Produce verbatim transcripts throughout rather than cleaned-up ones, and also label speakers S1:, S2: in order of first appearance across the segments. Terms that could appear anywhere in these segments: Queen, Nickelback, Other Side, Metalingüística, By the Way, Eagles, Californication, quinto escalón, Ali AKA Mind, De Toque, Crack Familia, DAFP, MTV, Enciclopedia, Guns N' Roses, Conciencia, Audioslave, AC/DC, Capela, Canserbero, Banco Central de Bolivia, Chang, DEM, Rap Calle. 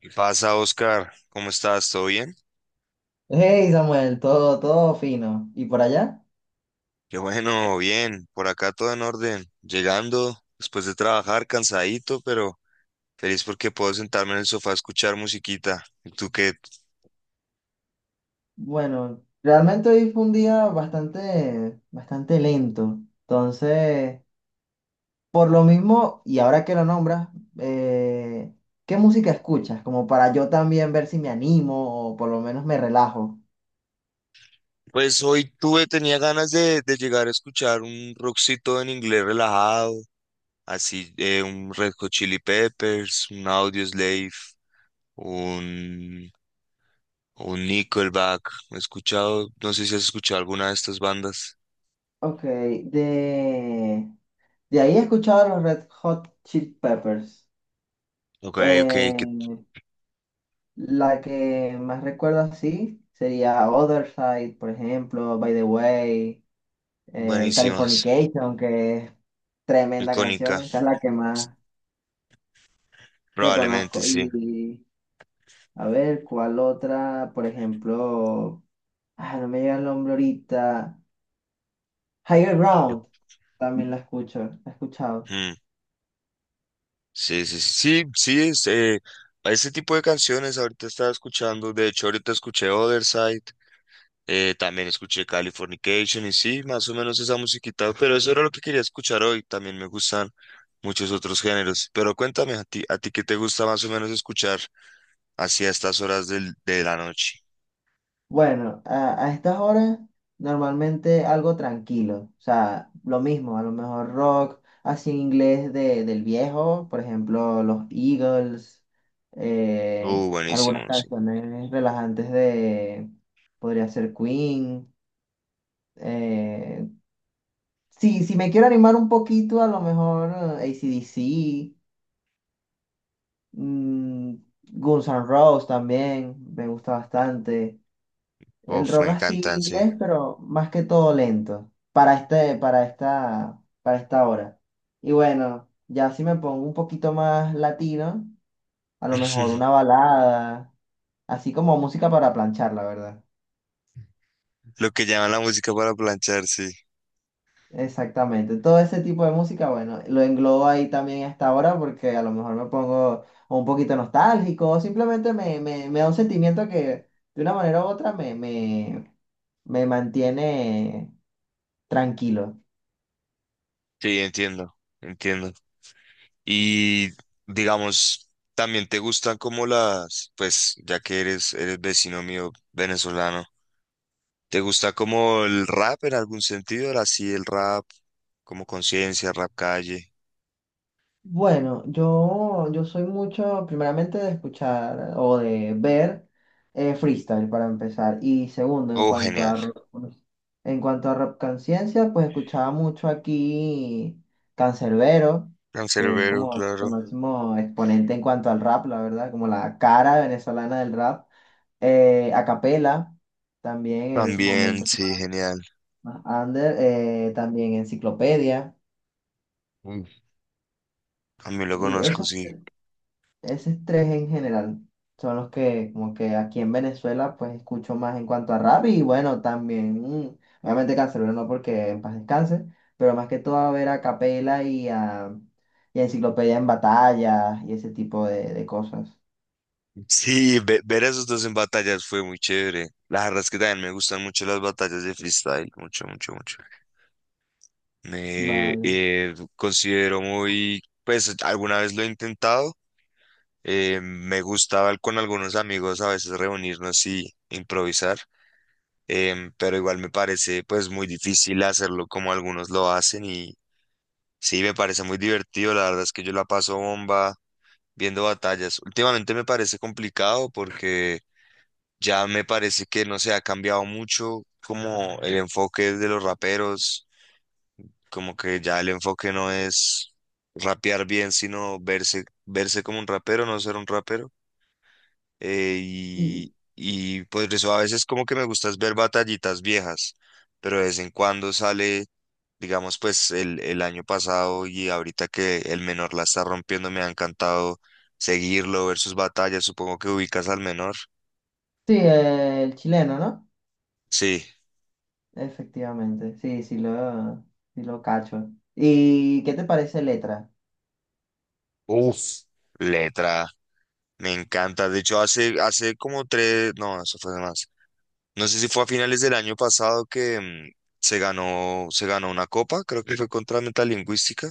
S1: ¿Qué pasa, Oscar? ¿Cómo estás? ¿Todo bien?
S2: Hey Samuel, todo, todo fino. ¿Y por allá?
S1: Qué bueno, bien. Por acá todo en orden. Llegando después de trabajar, cansadito, pero feliz porque puedo sentarme en el sofá a escuchar musiquita. ¿Y tú qué?
S2: Bueno, realmente hoy fue un día bastante, bastante lento. Entonces, por lo mismo, y ahora que lo nombras, eh, ¿qué música escuchas? Como para yo también ver si me animo o por lo menos me relajo.
S1: Pues hoy tuve, tenía ganas de, de llegar a escuchar un rockcito en inglés relajado, así eh, un Red Hot Chili Peppers, un Audioslave, un, un Nickelback. He escuchado, no sé si has escuchado alguna de estas bandas.
S2: Ok, de, de ahí he escuchado a los Red Hot Chili Peppers.
S1: Ok, ok, qué
S2: Eh, la que más recuerdo así sería Other Side, por ejemplo, By the Way. eh,
S1: buenísimas.
S2: Californication, que es tremenda
S1: Icónica,
S2: canción, esa es la que más
S1: probablemente
S2: reconozco.
S1: sí.
S2: Y a ver, ¿cuál otra? Por ejemplo, ah, no me llega el nombre ahorita. Higher
S1: Yo-
S2: Ground, también la escucho, la he escuchado.
S1: mm, sí, sí, sí, sí, sí, es, eh, ese tipo de canciones ahorita estaba escuchando. De hecho, ahorita escuché Otherside, eh, también escuché Californication y sí, más o menos esa musiquita, pero eso era lo que quería escuchar hoy. También me gustan muchos otros géneros, pero cuéntame a ti, a ti qué te gusta más o menos escuchar así a estas horas del- de la noche.
S2: Bueno, a, a estas horas normalmente algo tranquilo, o sea, lo mismo, a lo mejor rock, así en inglés de, del viejo, por ejemplo, los Eagles, eh,
S1: Uh,
S2: algunas
S1: buenísimo, sí.
S2: canciones relajantes de, podría ser Queen, eh, sí, si me quiero animar un poquito, a lo mejor eh, A C/D C, mm, Guns N' Roses también, me gusta bastante. El
S1: Uf, me
S2: rock así
S1: encantan, sí.
S2: inglés, pero más que todo lento. Para este, para esta, para esta hora. Y bueno, ya si me pongo un poquito más latino, a lo mejor una balada, así como música para planchar, la verdad.
S1: Lo que llaman la música para planchar, sí.
S2: Exactamente. Todo ese tipo de música, bueno, lo englobo ahí también a esta hora porque a lo mejor me pongo un poquito nostálgico, o simplemente me, me, me da un sentimiento que de una manera u otra me, me, me mantiene tranquilo.
S1: Sí, entiendo, entiendo. Y digamos, también te gustan como las, pues ya que eres, eres vecino mío venezolano, ¿te gusta como el rap en algún sentido? Así el rap, como Conciencia, Rap Calle.
S2: Bueno, yo, yo soy mucho, primeramente, de escuchar o de ver eh, freestyle para empezar. Y segundo, en
S1: Oh,
S2: cuanto
S1: genial.
S2: a rock, en cuanto a rap conciencia, pues escuchaba mucho aquí Canserbero, que es
S1: Canserbero,
S2: como el
S1: claro.
S2: máximo exponente en cuanto al rap, la verdad, como la cara venezolana del rap. Eh, a capela, también en sus
S1: También,
S2: momentos
S1: sí,
S2: más
S1: genial.
S2: más under, eh, también Enciclopedia.
S1: Mm. También lo
S2: Y
S1: conozco,
S2: eso.
S1: sí.
S2: Esos tres en general son los que como que aquí en Venezuela pues escucho más en cuanto a rap y bueno también mm, obviamente Canserbero no porque en paz descanse, pero más que todo a ver a Capela y a, y a Enciclopedia en batallas y ese tipo de, de cosas.
S1: Sí, ve- ver a esos dos en batallas fue muy chévere. La verdad es que también me gustan mucho las batallas de freestyle, mucho, mucho, mucho. Me
S2: Vale.
S1: eh, considero muy, pues alguna vez lo he intentado. Eh, me gustaba con algunos amigos a veces reunirnos y improvisar, em, pero igual me parece pues muy difícil hacerlo como algunos lo hacen y sí, me parece muy divertido. La verdad es que yo la paso bomba viendo batallas. Últimamente me parece complicado porque ya me parece que no se ha cambiado mucho como el enfoque de los raperos, como que ya el enfoque no es rapear bien, sino verse, verse como un rapero, no ser un rapero. Eh, y,
S2: Y,
S1: y pues eso a veces como que me gusta es ver batallitas viejas, pero de vez en cuando sale, digamos pues el, el año pasado y ahorita que el menor la está rompiendo, me ha encantado seguirlo, ver sus batallas. Supongo que ubicas al menor.
S2: sí, eh, el chileno, ¿no?
S1: Sí.
S2: Efectivamente, sí, sí lo, sí lo cacho. ¿Y qué te parece letra?
S1: Uf, Letra, me encanta. De hecho, hace, hace como tres, no, eso fue de más. No sé si fue a finales del año pasado que mm, se ganó, se ganó una copa, creo que fue contra Metalingüística,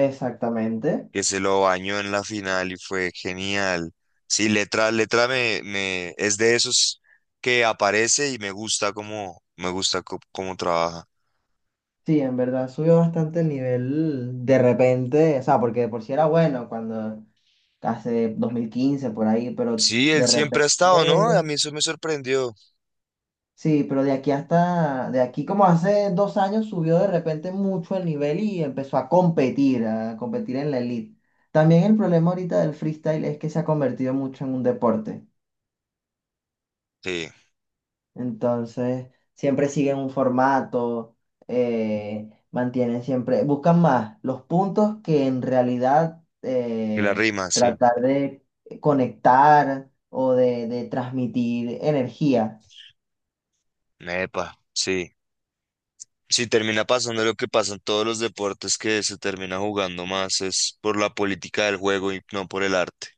S2: Exactamente.
S1: que se lo bañó en la final y fue genial. Sí, Letra, Letra me, me, es de esos que aparece y me gusta cómo, me gusta co- cómo trabaja.
S2: Sí, en verdad subió bastante el nivel de repente, o sea, porque de por sí era bueno cuando hace dos mil quince por ahí, pero
S1: Sí, él
S2: de
S1: siempre
S2: repente,
S1: ha estado, ¿no? A mí eso me sorprendió.
S2: sí, pero de aquí hasta, de aquí como hace dos años subió de repente mucho el nivel y empezó a competir, a competir en la elite. También el problema ahorita del freestyle es que se ha convertido mucho en un deporte.
S1: Sí,
S2: Entonces, siempre siguen un formato, eh, mantienen siempre, buscan más los puntos que en realidad
S1: y la
S2: eh,
S1: rima, sí.
S2: tratar de conectar o de, de transmitir energía.
S1: Epa, sí. Sí, termina pasando lo que pasa en todos los deportes, que se termina jugando más es por la política del juego y no por el arte.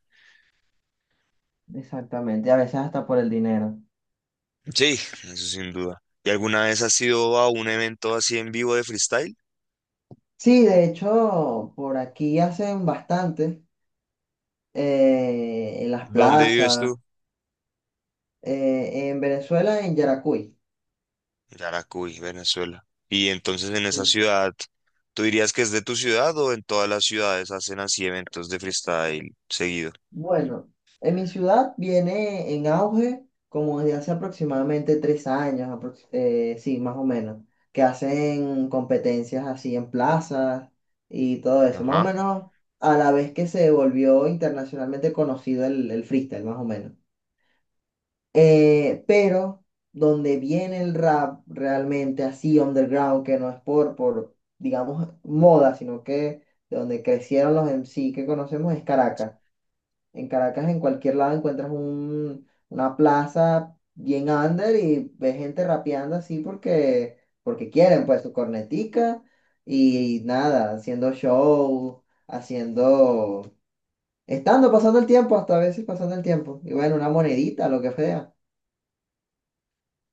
S2: Exactamente, a veces hasta por el dinero.
S1: Sí, eso sin duda. ¿Y alguna vez has ido a un evento así en vivo de freestyle?
S2: Sí, de hecho, por aquí hacen bastante, eh, en las
S1: ¿De dónde vives
S2: plazas,
S1: tú?
S2: eh, en Venezuela, en Yaracuy.
S1: Yaracuy, Venezuela. Y entonces, en esa ciudad, ¿tú dirías que es de tu ciudad o en todas las ciudades hacen así eventos de freestyle seguido?
S2: Bueno, en mi ciudad viene en auge como desde hace aproximadamente tres años, aprox- eh, sí, más o menos, que hacen competencias así en plazas y todo eso, más o
S1: Ajá.
S2: menos a la vez que se volvió internacionalmente conocido el, el freestyle, más o menos. Eh, pero donde viene el rap realmente así underground, que no es por, por, digamos, moda, sino que de donde crecieron los M C que conocemos es Caracas. En Caracas, en cualquier lado encuentras un, una plaza bien under y ves gente rapeando así porque, porque quieren, pues su cornetica y, nada, haciendo show, haciendo, estando, pasando el tiempo, hasta a veces pasando el tiempo. Y bueno, una monedita, lo que sea.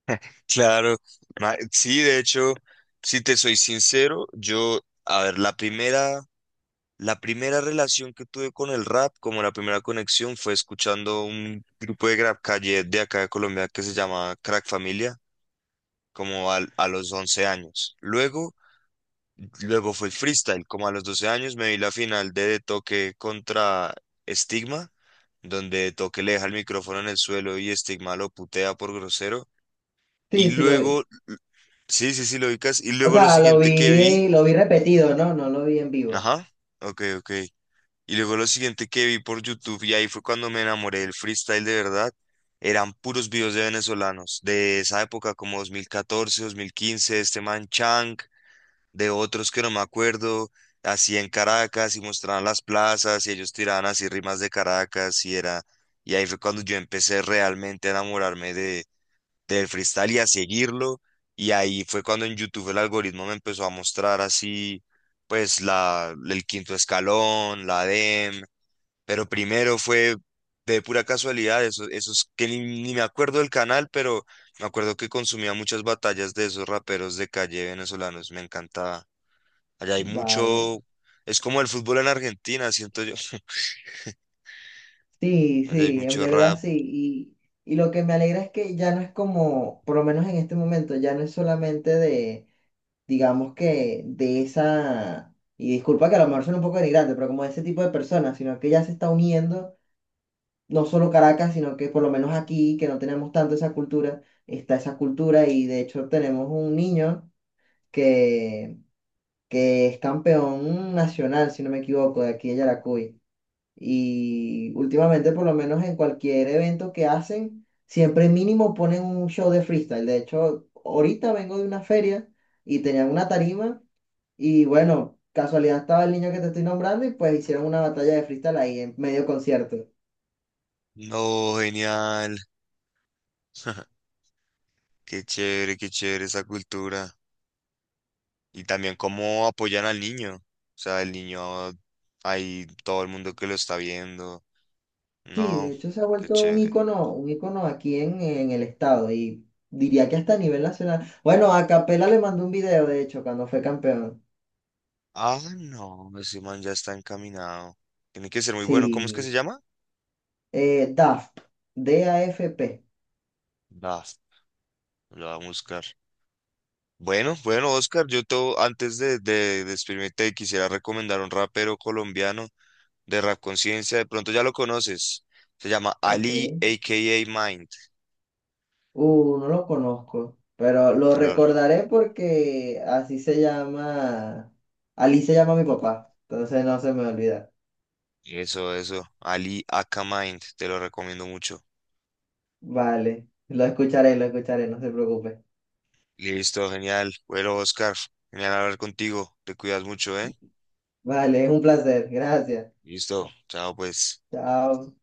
S1: Claro, ma- sí, de hecho, si te soy sincero, yo, a ver, la primera, la primera relación que tuve con el rap, como la primera conexión, fue escuchando un grupo de rap calle de acá de Colombia que se llama Crack Familia. Como al- a los once años. Luego, luego fue el freestyle, como a los doce años me vi la final de De Toque contra Stigma, donde De Toque le deja el micrófono en el suelo y Stigma lo putea por grosero.
S2: Sí,
S1: Y
S2: sí lo
S1: luego,
S2: vi.
S1: sí, sí, sí, lo ubicas. Y
S2: O
S1: luego lo
S2: sea, lo
S1: siguiente que vi,
S2: vi, lo vi repetido, ¿no? No lo vi en vivo.
S1: ajá, ok, ok. Y luego lo siguiente que vi por YouTube, y ahí fue cuando me enamoré del freestyle de verdad, eran puros videos de venezolanos, de esa época como dos mil catorce, dos mil quince, este man Chang, de otros que no me acuerdo, así en Caracas, y mostraban las plazas y ellos tiraban así rimas de Caracas y era, y ahí fue cuando yo empecé realmente a enamorarme de, del freestyle y a seguirlo, y ahí fue cuando en YouTube el algoritmo me empezó a mostrar así pues la, el quinto escalón, la D E M, pero primero fue de pura casualidad, eso, esos que ni, ni me acuerdo del canal, pero me acuerdo que consumía muchas batallas de esos raperos de calle venezolanos, me encantaba. Allá hay
S2: Vale.
S1: mucho, es como el fútbol en Argentina, siento yo.
S2: Sí,
S1: Allá hay
S2: sí, en
S1: mucho
S2: verdad
S1: rap.
S2: sí. Y, y lo que me alegra es que ya no es como, por lo menos en este momento, ya no es solamente de, digamos que de esa, y disculpa que a lo mejor suena un poco denigrante, pero como de ese tipo de personas, sino que ya se está uniendo, no solo Caracas, sino que por lo menos aquí, que no tenemos tanto esa cultura, está esa cultura y de hecho tenemos un niño que, que es campeón nacional, si no me equivoco, de aquí de Yaracuy. Y últimamente, por lo menos en cualquier evento que hacen, siempre mínimo ponen un show de freestyle. De hecho, ahorita vengo de una feria y tenían una tarima y bueno, casualidad estaba el niño que te estoy nombrando y pues hicieron una batalla de freestyle ahí en medio concierto.
S1: No, genial. Qué chévere, qué chévere esa cultura. Y también cómo apoyan al niño. O sea, el niño, hay todo el mundo que lo está viendo.
S2: Sí,
S1: No,
S2: de hecho se ha
S1: qué
S2: vuelto un
S1: chévere.
S2: ícono, un ícono aquí en, en el estado y diría que hasta a nivel nacional. Bueno, a Capela le mandó un video, de hecho, cuando fue campeón.
S1: Ah, no, ese man ya está encaminado. Tiene que ser muy bueno. ¿Cómo es que se
S2: Sí,
S1: llama?
S2: eh, D A F P, D A F P.
S1: Da, lo va a buscar. Bueno, bueno, Oscar, yo te, antes de, de despedirme te quisiera recomendar un rapero colombiano de Rap Conciencia, de pronto ya lo conoces, se llama Ali
S2: Ok.
S1: A K A Mind,
S2: Uh, no lo conozco, pero lo
S1: te lo-
S2: recordaré porque así se llama, Ali se llama mi papá, entonces no se me olvida.
S1: eso, eso, Ali aka Mind, te lo recomiendo mucho.
S2: Vale, lo escucharé, lo escucharé, no se preocupe.
S1: Listo, genial, bueno, Oscar, genial hablar contigo, te cuidas mucho, ¿eh?
S2: Vale, es un placer, gracias.
S1: Listo, chao pues.
S2: Chao.